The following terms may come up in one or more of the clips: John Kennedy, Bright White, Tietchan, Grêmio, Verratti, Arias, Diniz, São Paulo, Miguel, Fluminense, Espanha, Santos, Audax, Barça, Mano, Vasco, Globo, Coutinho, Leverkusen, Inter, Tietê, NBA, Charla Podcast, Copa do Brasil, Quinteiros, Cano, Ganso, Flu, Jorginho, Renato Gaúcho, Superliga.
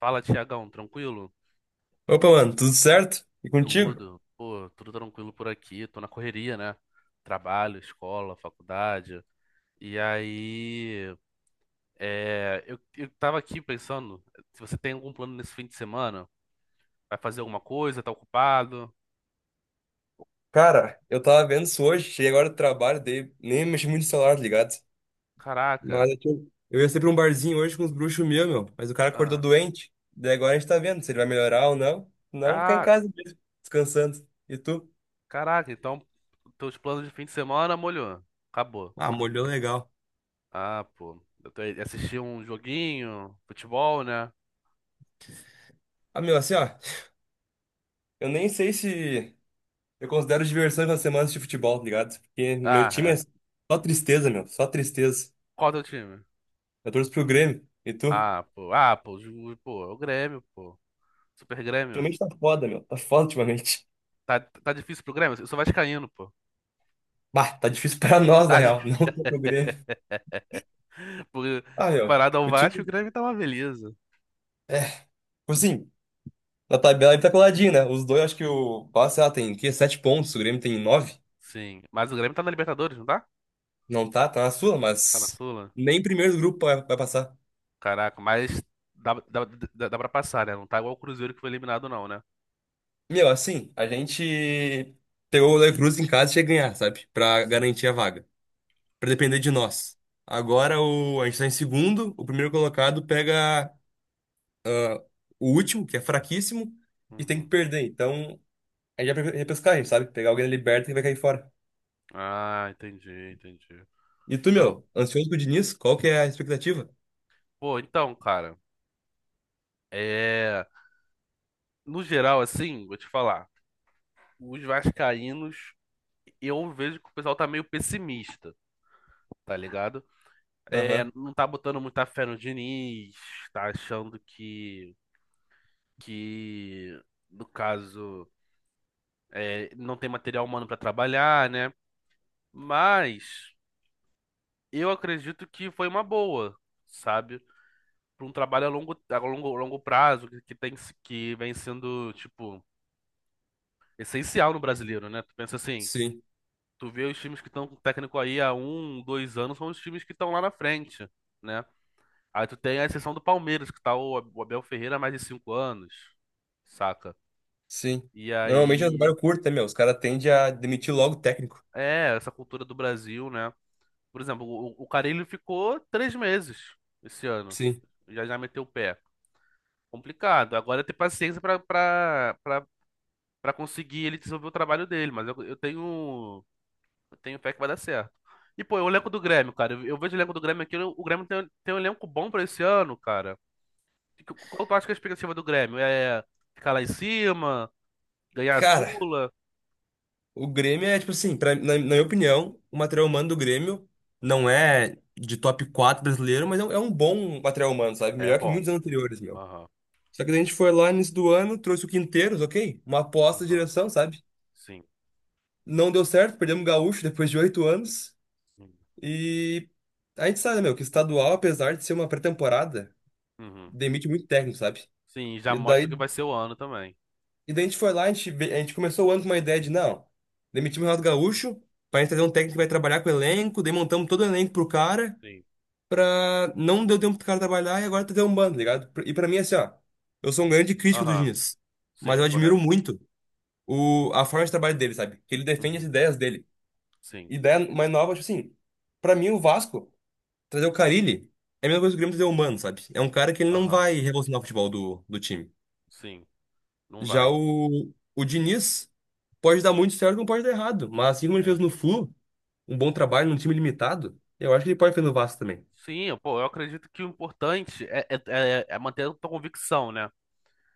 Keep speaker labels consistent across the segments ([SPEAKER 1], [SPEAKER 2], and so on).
[SPEAKER 1] Fala, Tiagão, tranquilo?
[SPEAKER 2] Opa, mano, tudo certo? E contigo?
[SPEAKER 1] Tudo, pô, tudo tranquilo por aqui, tô na correria, né? Trabalho, escola, faculdade. E aí, eu tava aqui pensando, se você tem algum plano nesse fim de semana, vai fazer alguma coisa, tá ocupado?
[SPEAKER 2] Cara, eu tava vendo isso hoje, cheguei agora do trabalho, dei nem mexi muito no celular, tá ligado? Mas
[SPEAKER 1] Caraca,
[SPEAKER 2] eu ia ser pra um barzinho hoje com os bruxos meus, meu, mas o cara acordou
[SPEAKER 1] ah,
[SPEAKER 2] doente, daí agora a gente tá vendo se ele vai melhorar ou não. Não, ficar em
[SPEAKER 1] ah,
[SPEAKER 2] casa mesmo, descansando. E tu?
[SPEAKER 1] caraca, então teus planos de fim de semana, molhou, acabou.
[SPEAKER 2] Ah, molhou legal.
[SPEAKER 1] Ah, pô, assisti um joguinho, futebol, né?
[SPEAKER 2] Ah, meu, assim, ó, eu nem sei se eu considero diversão nas semanas de futebol, tá ligado? Porque meu
[SPEAKER 1] Ah,
[SPEAKER 2] time é
[SPEAKER 1] é.
[SPEAKER 2] só tristeza, meu, só tristeza.
[SPEAKER 1] Qual é o teu time?
[SPEAKER 2] Eu torço pro Grêmio, e tu?
[SPEAKER 1] Ah, pô. Ah, pô. Pô, é o Grêmio, pô. Super Grêmio.
[SPEAKER 2] Ultimamente tá foda, meu, tá foda ultimamente.
[SPEAKER 1] Tá difícil pro Grêmio? Eu sou vascaíno, pô.
[SPEAKER 2] Bah, tá difícil pra nós, na
[SPEAKER 1] Tá, di-
[SPEAKER 2] real, não só pro Grêmio.
[SPEAKER 1] Porque
[SPEAKER 2] Ah, meu,
[SPEAKER 1] comparado ao
[SPEAKER 2] o
[SPEAKER 1] Vasco, o
[SPEAKER 2] time,
[SPEAKER 1] Grêmio tá uma beleza.
[SPEAKER 2] é, tipo assim, na tabela ele tá coladinho, né? Os dois, acho que o Barça, sei lá, tem, que, 7 pontos, o Grêmio tem nove.
[SPEAKER 1] Sim. Mas o Grêmio tá na Libertadores, não tá?
[SPEAKER 2] Não tá, tá na sua,
[SPEAKER 1] Tá na
[SPEAKER 2] mas
[SPEAKER 1] Sula?
[SPEAKER 2] nem primeiro do grupo vai passar.
[SPEAKER 1] Caraca, mas dá, dá, dá pra passar, né? Não tá igual o Cruzeiro que foi eliminado, não, né?
[SPEAKER 2] Meu, assim, a gente pegou o Leverkusen em casa e tinha que ganhar, sabe? Pra
[SPEAKER 1] Sim,
[SPEAKER 2] garantir a vaga, pra
[SPEAKER 1] sim.
[SPEAKER 2] depender de nós. Agora a gente tá em segundo, o primeiro colocado pega o último, que é fraquíssimo, e tem
[SPEAKER 1] Uhum.
[SPEAKER 2] que perder. Então, a gente vai pra repescagem, sabe? Pegar alguém na liberta e vai cair fora.
[SPEAKER 1] Ah, entendi, entendi.
[SPEAKER 2] E tu,
[SPEAKER 1] Pra-
[SPEAKER 2] meu, ansioso com o Diniz? Qual que é a expectativa?
[SPEAKER 1] Pô, então, cara, é... no geral, assim, vou te falar, os vascaínos, eu vejo que o pessoal tá meio pessimista. Tá ligado? É,
[SPEAKER 2] Aham,
[SPEAKER 1] não tá botando muita fé no Diniz, tá achando que, que no caso, não tem material humano pra trabalhar, né? Mas eu acredito que foi uma boa, sabe? Pra um trabalho a longo prazo, que, tem, se- que vem sendo, tipo, essencial no brasileiro, né? Tu pensa assim,
[SPEAKER 2] sim,
[SPEAKER 1] tu vê os times que estão com o técnico aí há 1, 2 anos, são os times que estão lá na frente, né? Aí tu tem a exceção do Palmeiras, que tá o Abel Ferreira há mais de 5 anos, saca?
[SPEAKER 2] sim.
[SPEAKER 1] E
[SPEAKER 2] Normalmente é um
[SPEAKER 1] aí,
[SPEAKER 2] trabalho curto, né, meu? Os caras tendem a demitir logo o técnico.
[SPEAKER 1] essa cultura do Brasil, né? Por exemplo, o Carille ficou 3 meses esse ano.
[SPEAKER 2] Sim.
[SPEAKER 1] Já já meteu o pé. Complicado. Agora é ter paciência pra conseguir ele desenvolver o trabalho dele, mas eu tenho fé que vai dar certo. E, pô, o elenco do Grêmio, cara. Eu vejo o elenco do Grêmio aqui, o Grêmio tem um elenco bom pra esse ano, cara. E qual tu acha que é a expectativa do Grêmio? É ficar lá em cima? Ganhar a
[SPEAKER 2] Cara,
[SPEAKER 1] Sula
[SPEAKER 2] o Grêmio é, tipo assim, na minha opinião, o material humano do Grêmio não é de top 4 brasileiro, mas é um bom material humano, sabe?
[SPEAKER 1] é
[SPEAKER 2] Melhor que
[SPEAKER 1] bom.
[SPEAKER 2] muitos anos anteriores, meu.
[SPEAKER 1] Aham,
[SPEAKER 2] Só que daí a gente foi lá no início do ano, trouxe o Quinteiros, ok? Uma aposta de
[SPEAKER 1] aham,
[SPEAKER 2] direção, sabe?
[SPEAKER 1] sim.
[SPEAKER 2] Não deu certo, perdemos o Gaúcho depois de 8 anos.
[SPEAKER 1] Sim,
[SPEAKER 2] E a gente sabe, né, meu, que estadual, apesar de ser uma pré-temporada,
[SPEAKER 1] uhum.
[SPEAKER 2] demite muito técnico, sabe?
[SPEAKER 1] Sim, já
[SPEAKER 2] E
[SPEAKER 1] mostra o
[SPEAKER 2] daí,
[SPEAKER 1] que vai ser o ano também.
[SPEAKER 2] e daí, a gente foi lá, a gente começou o ano com uma ideia de, não, demitimos o Renato Gaúcho, pra gente trazer um técnico que vai trabalhar com o elenco, daí montamos todo o elenco pro cara,
[SPEAKER 1] Sim,
[SPEAKER 2] pra não deu tempo pro cara trabalhar e agora tá dando um bando, tá ligado? E pra mim, é assim, ó, eu sou um grande crítico do
[SPEAKER 1] aham,
[SPEAKER 2] Diniz, mas
[SPEAKER 1] sim,
[SPEAKER 2] eu admiro
[SPEAKER 1] correto.
[SPEAKER 2] muito a forma de trabalho dele, sabe? Que ele defende
[SPEAKER 1] Uhum.
[SPEAKER 2] as ideias dele.
[SPEAKER 1] Sim,
[SPEAKER 2] Ideia mais nova, tipo assim, pra mim o Vasco. Trazer o Carille é a mesma coisa que o Grêmio trazer o Mano, sabe? É um cara que ele não
[SPEAKER 1] aham,
[SPEAKER 2] vai revolucionar o futebol do time.
[SPEAKER 1] sim, não
[SPEAKER 2] Já
[SPEAKER 1] vai.
[SPEAKER 2] o Diniz pode dar muito certo, como pode dar errado. Mas assim como ele
[SPEAKER 1] É.
[SPEAKER 2] fez no Flu, um bom trabalho num time limitado, eu acho que ele pode fazer no Vasco também.
[SPEAKER 1] Sim, pô, eu acredito que o importante manter a tua convicção, né?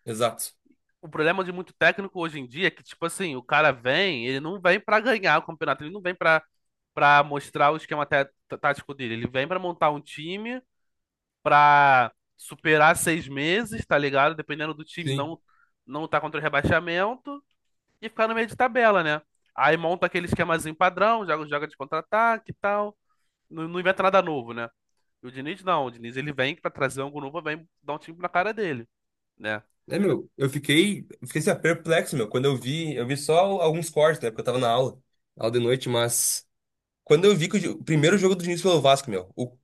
[SPEAKER 2] Exato.
[SPEAKER 1] O problema de muito técnico hoje em dia é que, tipo assim, o cara vem, ele não vem pra ganhar o campeonato, ele não vem pra para mostrar o esquema tático dele, ele vem pra montar um time pra superar 6 meses, tá ligado? Dependendo do time
[SPEAKER 2] Sim.
[SPEAKER 1] não tá contra o rebaixamento e ficar no meio de tabela, né? Aí monta aquele esquemazinho padrão, joga de contra-ataque e tal. Não, não inventa nada novo, né? E o Diniz não, o Diniz ele vem pra trazer algo novo, vem dar um time na cara dele, né?
[SPEAKER 2] É, meu, eu fiquei assim, ó, perplexo, meu, quando eu vi só alguns cortes, né, porque eu tava na aula, aula de noite, mas quando eu vi que o primeiro jogo do Diniz pelo Vasco, meu,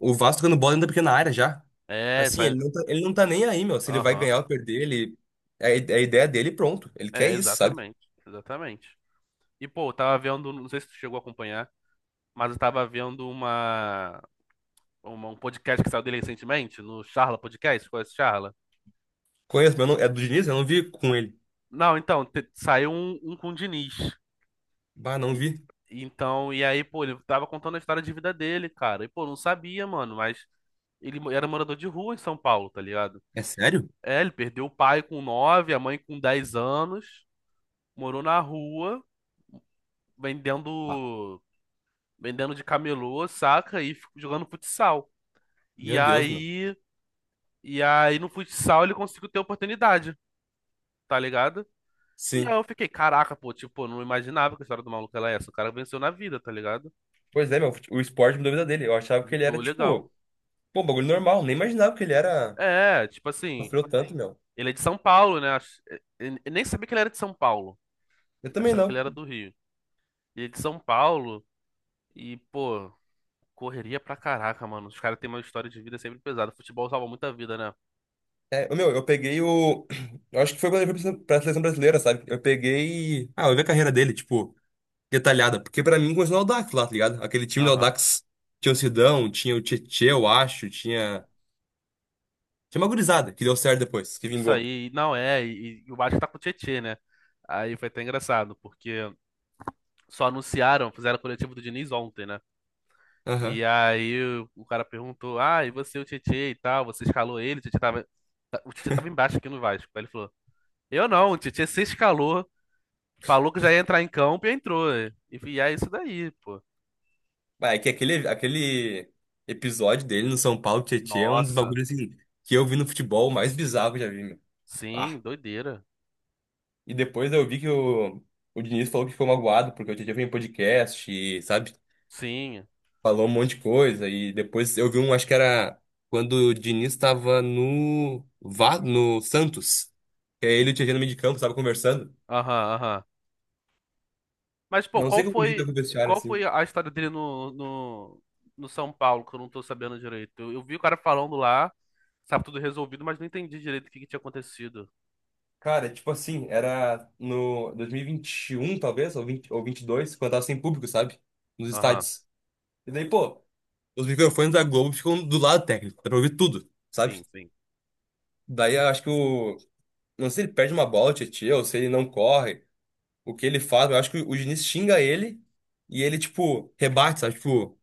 [SPEAKER 2] o Vasco tocando bola dentro da pequena área já.
[SPEAKER 1] É,
[SPEAKER 2] Assim,
[SPEAKER 1] essa.
[SPEAKER 2] ele não tá nem aí, meu. Se ele vai
[SPEAKER 1] Aham.
[SPEAKER 2] ganhar ou perder, ele. É a ideia dele, pronto. Ele quer
[SPEAKER 1] É,
[SPEAKER 2] isso, sabe?
[SPEAKER 1] exatamente. Exatamente. E, pô, eu tava vendo, não sei se tu chegou a acompanhar, mas eu tava vendo um podcast que saiu dele recentemente, no Charla Podcast, conhece o Charla?
[SPEAKER 2] Conheço, mas eu não, é do Diniz, eu não vi com ele.
[SPEAKER 1] Não, então, saiu um com o Diniz.
[SPEAKER 2] Bah, não
[SPEAKER 1] E,
[SPEAKER 2] vi.
[SPEAKER 1] então, e aí, pô, ele tava contando a história de vida dele, cara. E, pô, não sabia, mano, mas ele era morador de rua em São Paulo, tá ligado?
[SPEAKER 2] É sério?
[SPEAKER 1] É, ele perdeu o pai com 9, a mãe com 10 anos, morou na rua,
[SPEAKER 2] Ah,
[SPEAKER 1] vendendo, vendendo de camelô, saca? E jogando futsal. E
[SPEAKER 2] meu Deus, meu.
[SPEAKER 1] aí, e aí no futsal ele conseguiu ter oportunidade, tá ligado? E aí
[SPEAKER 2] Sim.
[SPEAKER 1] eu fiquei, caraca, pô, tipo, eu não imaginava que a história do maluco era essa. O cara venceu na vida, tá ligado?
[SPEAKER 2] Pois é, meu. O esporte me a vida dele. Eu achava que ele
[SPEAKER 1] Mudou,
[SPEAKER 2] era,
[SPEAKER 1] legal.
[SPEAKER 2] tipo, pô, bagulho normal. Nem imaginava que ele era.
[SPEAKER 1] É, tipo assim,
[SPEAKER 2] Sofreu tanto, meu.
[SPEAKER 1] ele é de São Paulo, né? Eu nem sabia que ele era de São Paulo.
[SPEAKER 2] Eu
[SPEAKER 1] Eu
[SPEAKER 2] também
[SPEAKER 1] achava que ele
[SPEAKER 2] não.
[SPEAKER 1] era do Rio. Ele é de São Paulo e, pô, correria pra caraca, mano. Os caras têm uma história de vida sempre pesada. Futebol salva muita vida, né?
[SPEAKER 2] É, meu, eu peguei o. Eu acho que foi quando ele foi pra seleção brasileira, sabe? Eu peguei. Ah, eu vi a carreira dele, tipo, detalhada. Porque pra mim começou no Audax lá, tá ligado? Aquele time do
[SPEAKER 1] Aham.
[SPEAKER 2] Audax tinha o Sidão, tinha o Tietê, eu acho, tinha. Tinha uma gurizada que deu certo depois, que
[SPEAKER 1] Isso
[SPEAKER 2] vingou.
[SPEAKER 1] aí, não é. E o Vasco tá com o Tietê, né? Aí foi até engraçado, porque só anunciaram, fizeram o coletivo do Diniz ontem, né? E
[SPEAKER 2] Aham.
[SPEAKER 1] aí o cara perguntou: Ah, e você, o Tietê e tal? Você escalou ele? O Tietê tava embaixo aqui no Vasco. Aí ele falou. Eu não, o Tietchan se escalou, falou que já ia entrar em campo e entrou. E é isso daí, pô.
[SPEAKER 2] Mas é que aquele episódio dele no São Paulo, Tietê, é um dos
[SPEAKER 1] Nossa,
[SPEAKER 2] bagulhos assim, que eu vi no futebol mais bizarro que eu já vi, meu.
[SPEAKER 1] sim,
[SPEAKER 2] Ah.
[SPEAKER 1] doideira.
[SPEAKER 2] E depois eu vi que o Diniz falou que ficou magoado, porque o Tietê foi em podcast, e, sabe?
[SPEAKER 1] Sim,
[SPEAKER 2] Falou um monte de coisa e depois eu vi um, acho que era quando o Diniz estava no Santos, que aí ele e o Tietchan no meio de campo, estava conversando.
[SPEAKER 1] aham, aham. Mas, pô,
[SPEAKER 2] Não
[SPEAKER 1] qual
[SPEAKER 2] sei como ele lida
[SPEAKER 1] foi,
[SPEAKER 2] com o vestiário
[SPEAKER 1] qual foi
[SPEAKER 2] assim.
[SPEAKER 1] a história dele no São Paulo, que eu não tô sabendo direito? Eu vi o cara falando lá, sabe, tudo resolvido, mas não entendi direito o que que tinha acontecido.
[SPEAKER 2] Cara, tipo assim, era no 2021 talvez, ou 20, ou 22, quando tava sem público, sabe? Nos
[SPEAKER 1] Aham,
[SPEAKER 2] estádios. E daí, pô, os microfones da Globo ficam do lado técnico, dá pra ouvir tudo, sabe?
[SPEAKER 1] sim, sim.
[SPEAKER 2] Daí eu acho que o não sei se ele perde uma bola, o Tietchan, ou se ele não corre. O que ele faz, eu acho que o Diniz xinga ele e ele, tipo, rebate, sabe? Tipo,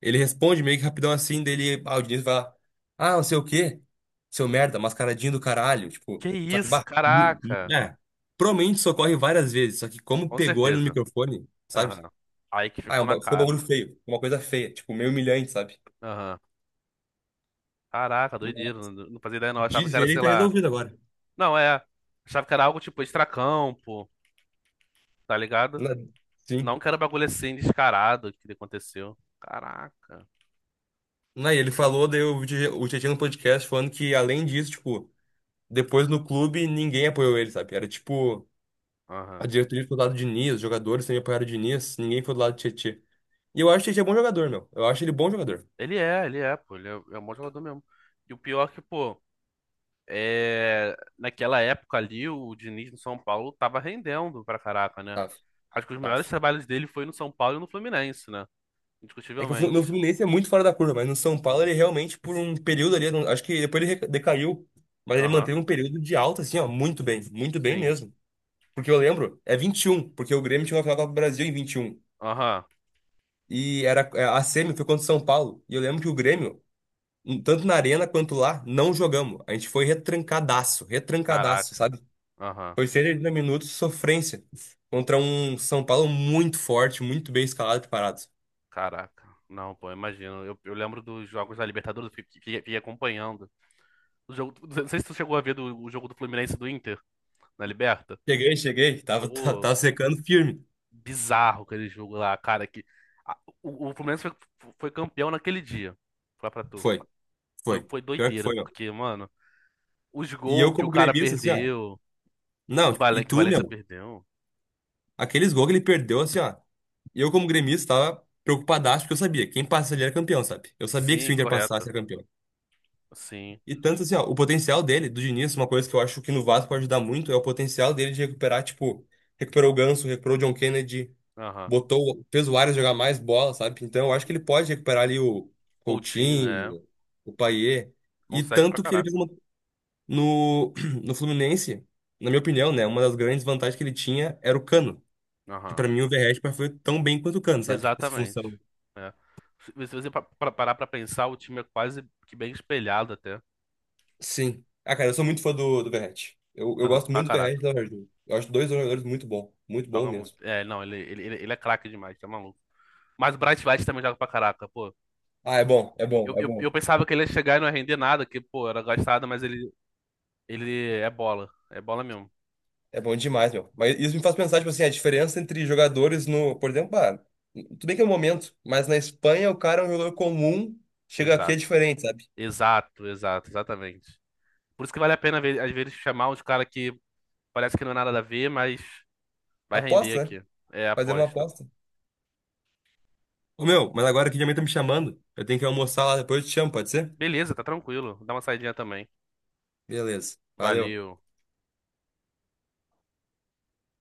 [SPEAKER 2] ele responde meio que rapidão assim, dele, ah, o Diniz vai lá, ah, não sei o quê, seu merda, mascaradinho do caralho, tipo,
[SPEAKER 1] Que
[SPEAKER 2] só que,
[SPEAKER 1] isso,
[SPEAKER 2] bah,
[SPEAKER 1] caraca!
[SPEAKER 2] é, provavelmente socorre várias vezes, só que como
[SPEAKER 1] Com
[SPEAKER 2] pegou ele no
[SPEAKER 1] certeza.
[SPEAKER 2] microfone, sabe?
[SPEAKER 1] Aham. Aí que
[SPEAKER 2] Ah,
[SPEAKER 1] ficou na
[SPEAKER 2] ficou um
[SPEAKER 1] cara.
[SPEAKER 2] bagulho feio, uma coisa feia, tipo, meio humilhante, sabe?
[SPEAKER 1] Aham. Caraca, doideira. Não fazia ideia, não. Eu achava que
[SPEAKER 2] Diz
[SPEAKER 1] era,
[SPEAKER 2] ele e
[SPEAKER 1] sei
[SPEAKER 2] tá
[SPEAKER 1] lá.
[SPEAKER 2] resolvido agora.
[SPEAKER 1] Não, é. Achava que era algo tipo extracampo, tá ligado?
[SPEAKER 2] Na- Sim.
[SPEAKER 1] Não que era um bagulho assim descarado que aconteceu. Caraca.
[SPEAKER 2] Não, e ele falou,
[SPEAKER 1] Sinistro.
[SPEAKER 2] daí o Tietchan no podcast falando que além disso, tipo, depois no clube, ninguém apoiou ele, sabe? Era tipo, a
[SPEAKER 1] Aham.
[SPEAKER 2] diretoria foi do lado de Diniz, os jogadores também apoiaram o Diniz, ninguém foi do lado do Tietchan. E eu acho que o Tietchan é bom jogador, meu. Eu acho ele bom jogador.
[SPEAKER 1] Ele é, pô. Ele é, é um bom jogador mesmo. E o pior é que, pô, naquela época ali, o Diniz no São Paulo tava rendendo pra caraca, né?
[SPEAKER 2] Tá,
[SPEAKER 1] Acho que os
[SPEAKER 2] tá.
[SPEAKER 1] melhores trabalhos dele foi no São Paulo e no Fluminense, né?
[SPEAKER 2] É que
[SPEAKER 1] Indiscutivelmente.
[SPEAKER 2] no Fluminense é muito fora da curva, mas no São Paulo ele
[SPEAKER 1] Muito.
[SPEAKER 2] realmente, por um período ali, eu não- acho que depois ele decaiu, mas ele
[SPEAKER 1] Aham.
[SPEAKER 2] manteve um período de alta, assim, ó, muito bem
[SPEAKER 1] Sim.
[SPEAKER 2] mesmo. Porque eu lembro, é 21, porque o Grêmio tinha uma final da Copa do Brasil em 21. E um.
[SPEAKER 1] Aham.
[SPEAKER 2] E era, é, a semi foi contra o São Paulo. E eu lembro que o Grêmio um, tanto na arena quanto lá, não jogamos. A gente foi retrancadaço, retrancadaço,
[SPEAKER 1] Caraca.
[SPEAKER 2] sabe?
[SPEAKER 1] Aham.
[SPEAKER 2] Foi 180 minutos de sofrência contra um São Paulo muito forte, muito bem escalado e preparado.
[SPEAKER 1] Caraca, não, pô, imagino. Eu lembro dos jogos da Libertadores, eu fiquei acompanhando. O jogo, não sei se tu chegou a ver o jogo do Fluminense e do Inter na Liberta.
[SPEAKER 2] Cheguei, cheguei, tava, tava,
[SPEAKER 1] Pô,
[SPEAKER 2] tava secando firme.
[SPEAKER 1] bizarro aquele jogo lá, cara. Que, o Fluminense foi campeão naquele dia. Foi pra tu.
[SPEAKER 2] Foi,
[SPEAKER 1] Foi,
[SPEAKER 2] foi.
[SPEAKER 1] foi
[SPEAKER 2] Pior que
[SPEAKER 1] doideira,
[SPEAKER 2] foi, ó.
[SPEAKER 1] porque, mano, os
[SPEAKER 2] E eu
[SPEAKER 1] gols que o
[SPEAKER 2] como
[SPEAKER 1] cara
[SPEAKER 2] gremista, assim, ó.
[SPEAKER 1] perdeu,
[SPEAKER 2] Não, e
[SPEAKER 1] Que o
[SPEAKER 2] tu,
[SPEAKER 1] Valência
[SPEAKER 2] meu,
[SPEAKER 1] perdeu.
[SPEAKER 2] aqueles gols que ele perdeu, assim, ó. E eu como gremista tava preocupadaço, porque eu sabia, quem passa ali era campeão, sabe? Eu sabia que se o
[SPEAKER 1] Sim,
[SPEAKER 2] Inter
[SPEAKER 1] correto.
[SPEAKER 2] passasse era campeão.
[SPEAKER 1] Sim,
[SPEAKER 2] E tanto assim, ó, o potencial dele, do Diniz, uma coisa que eu acho que no Vasco pode ajudar muito é o potencial dele de recuperar, tipo, recuperou o Ganso, recuperou o John Kennedy,
[SPEAKER 1] aham.
[SPEAKER 2] botou, fez o Arias jogar mais bola, sabe? Então eu acho que
[SPEAKER 1] Uhum.
[SPEAKER 2] ele pode recuperar ali o
[SPEAKER 1] Coutinho, é.
[SPEAKER 2] Coutinho, o Payet. E
[SPEAKER 1] Consegue pra
[SPEAKER 2] tanto que ele fez
[SPEAKER 1] caraca.
[SPEAKER 2] uma, no, no Fluminense, na minha opinião, né, uma das grandes vantagens que ele tinha era o Cano, que
[SPEAKER 1] Aham.
[SPEAKER 2] pra mim o Verratti foi tão bem quanto o Cano, sabe? Essa
[SPEAKER 1] Exatamente.
[SPEAKER 2] função.
[SPEAKER 1] É. Se você parar pra pensar, o time é quase que bem espelhado até.
[SPEAKER 2] Sim. Ah, cara, eu sou muito fã do Verratti. Eu
[SPEAKER 1] Aham,
[SPEAKER 2] gosto
[SPEAKER 1] pra
[SPEAKER 2] muito do
[SPEAKER 1] caraca.
[SPEAKER 2] Verratti e do Jorginho. Eu acho dois jogadores muito bom
[SPEAKER 1] Joga muito.
[SPEAKER 2] mesmo.
[SPEAKER 1] É, não, ele é craque demais, tá maluco. Mas o Bright White também joga pra caraca, pô.
[SPEAKER 2] Ah, é bom, é bom,
[SPEAKER 1] Eu,
[SPEAKER 2] é
[SPEAKER 1] eu, eu
[SPEAKER 2] bom.
[SPEAKER 1] pensava que ele ia chegar e não ia render nada, que, pô, era gastado, mas ele é bola. É bola mesmo.
[SPEAKER 2] É bom demais, meu. Mas isso me faz pensar, tipo assim, a diferença entre jogadores no, por exemplo, ah, tudo bem que é o momento, mas na Espanha o cara é um jogador comum, chega aqui é
[SPEAKER 1] Exato.
[SPEAKER 2] diferente, sabe?
[SPEAKER 1] Exato, exato, exatamente. Por isso que vale a pena, às vezes, chamar uns caras que parece que não é nada a ver, mas vai render
[SPEAKER 2] Aposta, né?
[SPEAKER 1] aqui. É
[SPEAKER 2] Fazer uma
[SPEAKER 1] aposta.
[SPEAKER 2] aposta. Ô, meu, mas agora que minha mãe tá me chamando, eu tenho que almoçar lá, depois eu te chamo, pode ser?
[SPEAKER 1] Beleza, tá tranquilo. Dá uma saidinha também.
[SPEAKER 2] Beleza. Valeu.
[SPEAKER 1] Valeu.